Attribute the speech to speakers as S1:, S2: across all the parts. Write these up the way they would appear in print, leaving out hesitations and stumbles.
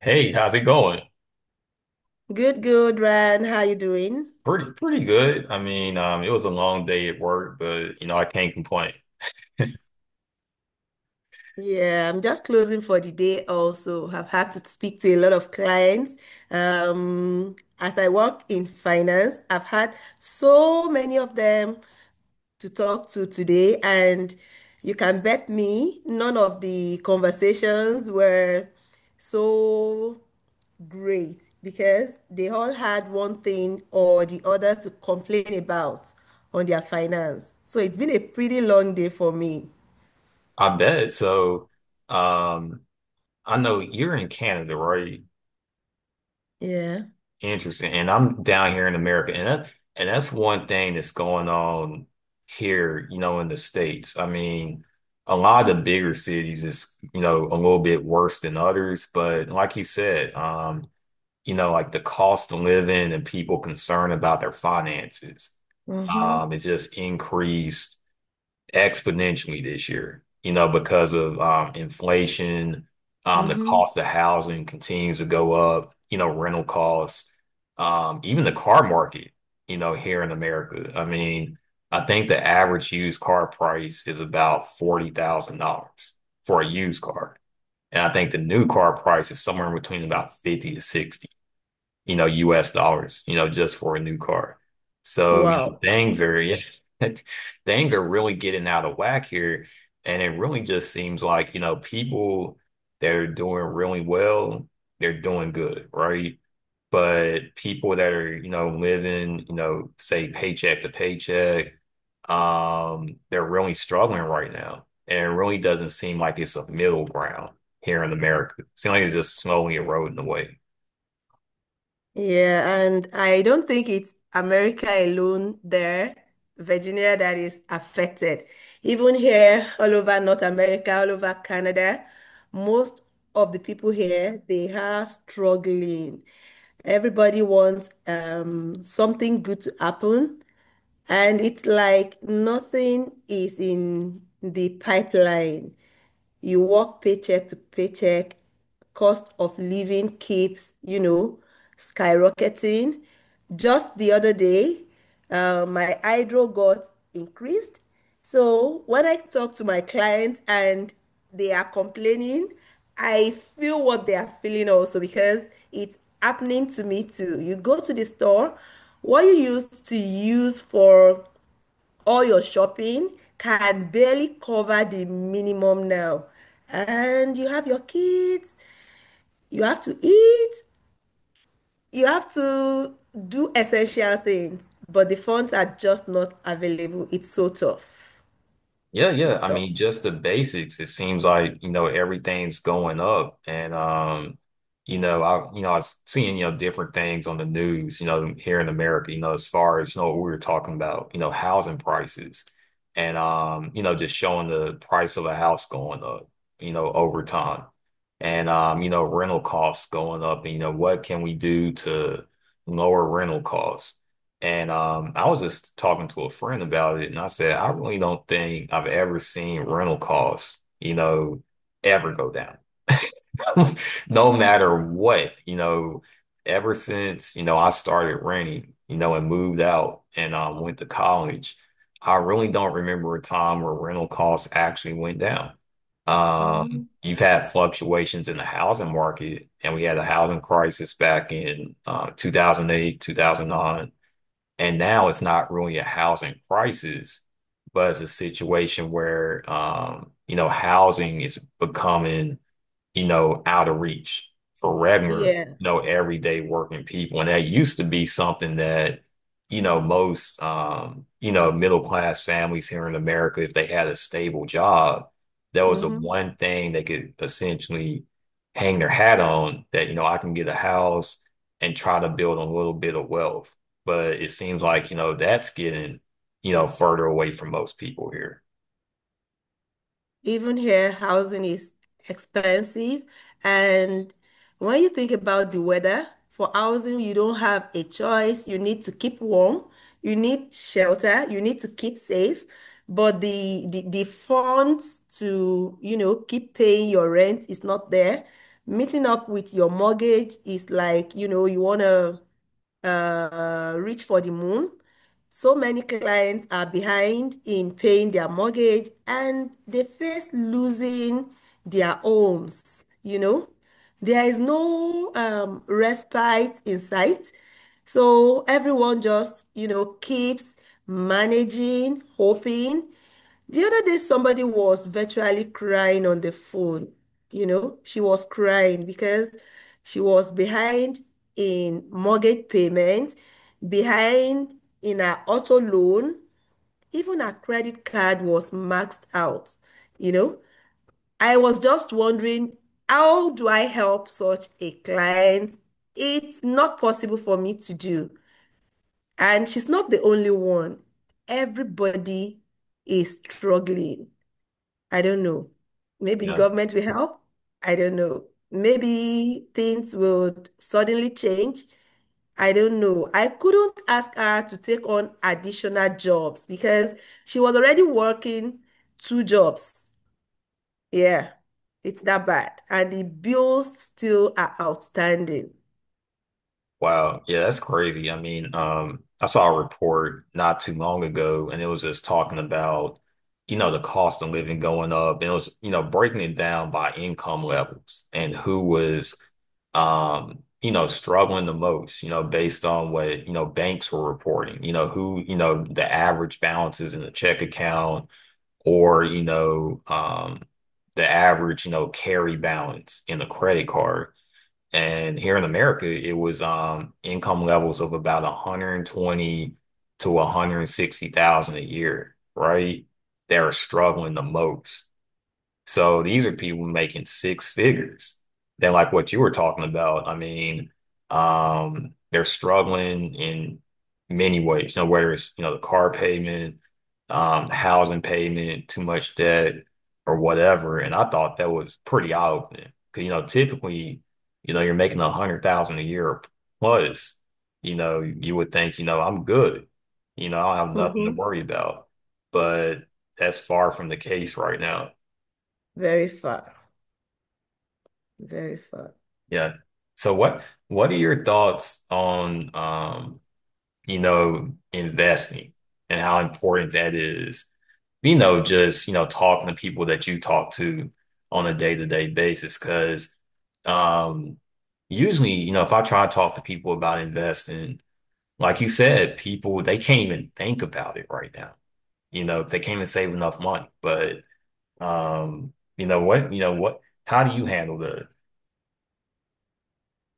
S1: Hey, how's it going?
S2: Good, good, Ryan. How you doing?
S1: Pretty good. I mean, it was a long day at work, but I can't complain.
S2: Yeah, I'm just closing for the day also. I've had to speak to a lot of clients. As I work in finance, I've had so many of them to talk to today, and you can bet me none of the conversations were so great because they all had one thing or the other to complain about on their finance. So it's been a pretty long day for me.
S1: I bet. So, um, I know you're in Canada, right?
S2: Yeah.
S1: Interesting. And I'm down here in America, and that's one thing that's going on here, you know, in the States. I mean, a lot of the bigger cities is, you know, a little bit worse than others, but like you said, like the cost of living and people concerned about their finances.
S2: Mm-hmm.
S1: It's just increased exponentially this year, you know, because of inflation, the
S2: Mm-hmm.
S1: cost of housing continues to go up, you know, rental costs, even the car market, you know, here in America. I mean, I think the average used car price is about $40,000 for a used car. And I think the new car price is somewhere in between about 50 to 60, you know, US dollars, you know, just for a new car. So, you know,
S2: Wow.
S1: things are yeah, things are really getting out of whack here. And it really just seems like, you know, people that are doing really well, they're doing good, right? But people that are, you know, living, you know, say paycheck to paycheck, they're really struggling right now. And it really doesn't seem like it's a middle ground here in America. It seems like it's just slowly eroding away.
S2: Yeah, and I don't think it's America alone there, Virginia, that is affected. Even here, all over North America, all over Canada, most of the people here, they are struggling. Everybody wants something good to happen, and it's like nothing is in the pipeline. You work paycheck to paycheck, cost of living keeps, you know, skyrocketing. Just the other day, my hydro got increased. So when I talk to my clients and they are complaining, I feel what they are feeling also because it's happening to me too. You go to the store, what you used to use for all your shopping can barely cover the minimum now. And you have your kids, you have to eat, you have to do essential things, but the funds are just not available. It's so tough.
S1: Yeah, yeah.
S2: It's
S1: I
S2: tough.
S1: mean, just the basics. It seems like, you know, everything's going up. And you know, I was seeing, you know, different things on the news, you know, here in America, you know, as far as, you know, what we were talking about, you know, housing prices and you know, just showing the price of a house going up, you know, over time. And you know, rental costs going up and you know, what can we do to lower rental costs? And I was just talking to a friend about it, and I said, I really don't think I've ever seen rental costs, you know, ever go down, no matter what, you know, ever since, you know, I started renting, you know, and moved out and went to college. I really don't remember a time where rental costs actually went down.
S2: Mhm.
S1: You've had fluctuations in the housing market, and we had a housing crisis back in 2008, 2009, and now it's not really a housing crisis, but it's a situation where, you know, housing is becoming, you know, out of reach for regular,
S2: Yeah.
S1: you know, everyday working people. And that used to be something that, you know, most, you know, middle class families here in America, if they had a stable job, that was the
S2: Hmm.
S1: one thing they could essentially hang their hat on that, you know, I can get a house and try to build a little bit of wealth. But it seems like, you know, that's getting, you know, further away from most people here.
S2: Even here, housing is expensive. And when you think about the weather, for housing, you don't have a choice. You need to keep warm, you need shelter, you need to keep safe. But the funds to, you know, keep paying your rent is not there. Meeting up with your mortgage is like, you know, you want to reach for the moon. So many clients are behind in paying their mortgage and they face losing their homes, you know. There is no respite in sight. So everyone just, you know, keeps managing, hoping. The other day, somebody was virtually crying on the phone. You know, she was crying because she was behind in mortgage payments, behind in her auto loan, even her credit card was maxed out. You know, I was just wondering, how do I help such a client? It's not possible for me to do. And she's not the only one. Everybody is struggling. I don't know. Maybe
S1: You
S2: the
S1: know,
S2: government will help. I don't know. Maybe things will suddenly change. I don't know. I couldn't ask her to take on additional jobs because she was already working two jobs. Yeah, it's that bad. And the bills still are outstanding.
S1: wow, yeah, that's crazy. I mean, I saw a report not too long ago, and it was just talking about, you know, the cost of living going up, and it was, you know, breaking it down by income levels and who was, you know, struggling the most, you know, based on what, you know, banks were reporting, you know, who, you know, the average balances in the check account or, the average, you know, carry balance in a credit card. And here in America, it was income levels of about 120 to 160,000 a year, right? They're struggling the most. So these are people making six figures. Then, like what you were talking about, I mean, they're struggling in many ways, you know, whether it's, you know, the car payment, housing payment, too much debt, or whatever. And I thought that was pretty eye-opening. Because, you know, typically, you know, you're making 100,000 a year plus, you know, you would think, you know, I'm good. You know, I don't have nothing to
S2: Mhm.
S1: worry about. But that's far from the case right now.
S2: Very far. Very far.
S1: Yeah. So what are your thoughts on you know, investing and how important that is? You know, just, you know, talking to people that you talk to on a day-to-day basis. Cause um usually, you know, if I try to talk to people about investing, like you said, people they can't even think about it right now. You know, they can't even save enough money. But you know what, how do you handle the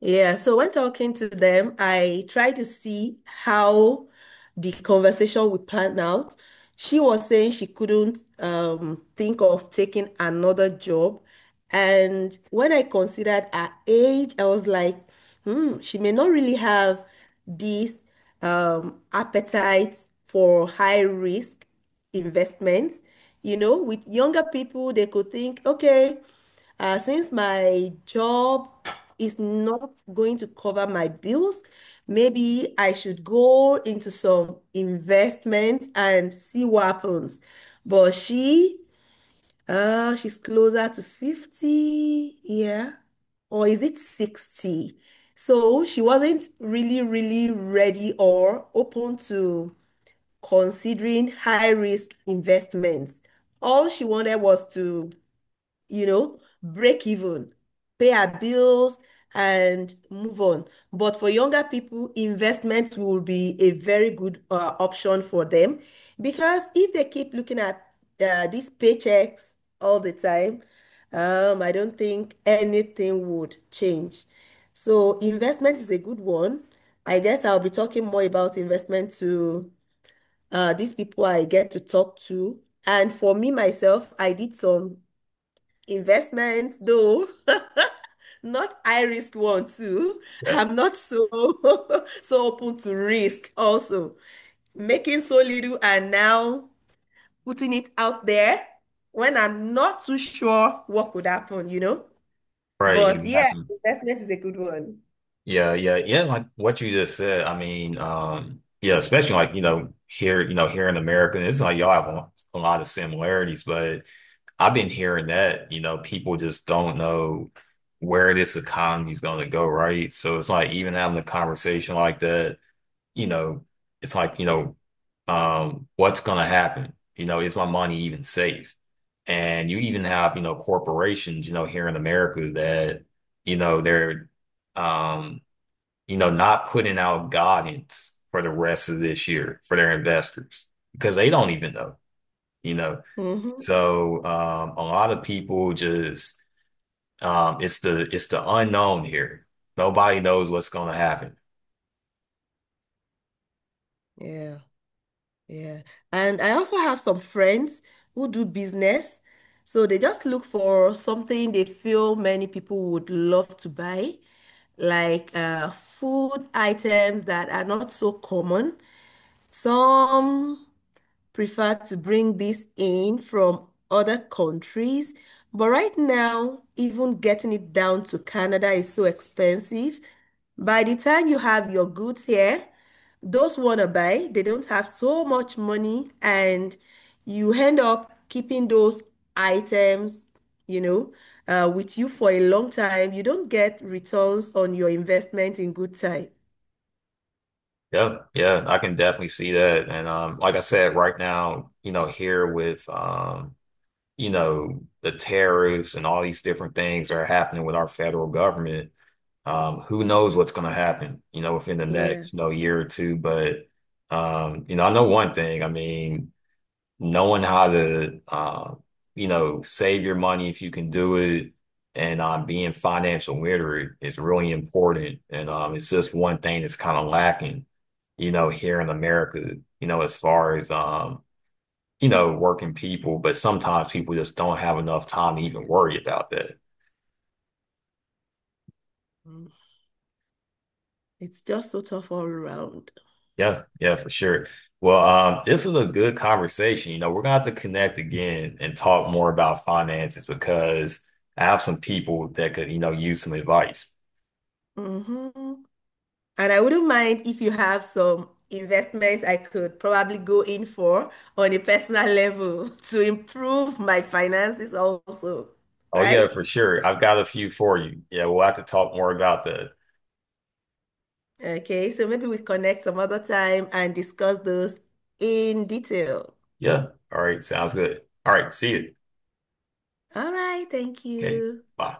S2: Yeah, so when talking to them, I try to see how the conversation would pan out. She was saying she couldn't think of taking another job. And when I considered her age, I was like, hmm, she may not really have this appetite for high risk investments. You know, with younger people, they could think, okay. Since my job is not going to cover my bills, maybe I should go into some investments and see what happens. But she, she's closer to 50, yeah, or is it 60? So she wasn't really, really ready or open to considering high risk investments. All she wanted was to, you know, break even, pay our bills, and move on. But for younger people, investments will be a very good option for them because if they keep looking at these paychecks all the time, I don't think anything would change. So investment is a good one. I guess I'll be talking more about investment to these people I get to talk to. And for me myself, I did some investments, though not high risk one too.
S1: yeah,
S2: I'm not so so open to risk also, making so little and now putting it out there when I'm not too sure what could happen, you know.
S1: right,
S2: But yeah,
S1: exactly.
S2: investment is a good one.
S1: Yeah, yeah, yeah. Like what you just said, I mean, yeah, especially like, you know, here in America, it's like y'all have a lot of similarities, but I've been hearing that, you know, people just don't know where this economy is going to go, right? So it's like even having a conversation like that, you know, it's like, you know, what's going to happen? You know, is my money even safe? And you even have, you know, corporations, you know, here in America that, you know, they're, um, you know, not putting out guidance for the rest of this year for their investors because they don't even know, you know.
S2: Hmm.
S1: So a lot of people just it's the unknown here. Nobody knows what's going to happen.
S2: Yeah. Yeah. And I also have some friends who do business. So they just look for something they feel many people would love to buy, like food items that are not so common. Some prefer to bring this in from other countries. But right now, even getting it down to Canada is so expensive. By the time you have your goods here, those wanna buy, they don't have so much money, and you end up keeping those items, you know, with you for a long time. You don't get returns on your investment in good time.
S1: Yeah, yeah, I can definitely see that. And like I said, right now, you know, here with you know, the tariffs and all these different things that are happening with our federal government, who knows what's going to happen, you know, within the
S2: Yeah.
S1: next, you know, year or two. But, you know, I know one thing. I mean, knowing how to, you know, save your money if you can do it and being financial literate is really important. And it's just one thing that's kind of lacking, you know, here in America, you know, as far as, you know, working people, but sometimes people just don't have enough time to even worry about that.
S2: Mm. It's just so tough all around.
S1: Yeah, yeah, for sure. Well, this is a good conversation. You know, we're gonna have to connect again and talk more about finances because I have some people that could, you know, use some advice.
S2: Hmm. And I wouldn't mind if you have some investments I could probably go in for on a personal level to improve my finances also,
S1: Oh yeah,
S2: right?
S1: for sure. I've got a few for you. Yeah, we'll have to talk more about that.
S2: Okay, so maybe we connect some other time and discuss those in detail.
S1: Yeah. All right, sounds good. All right, see you.
S2: All right, thank
S1: Okay,
S2: you.
S1: bye.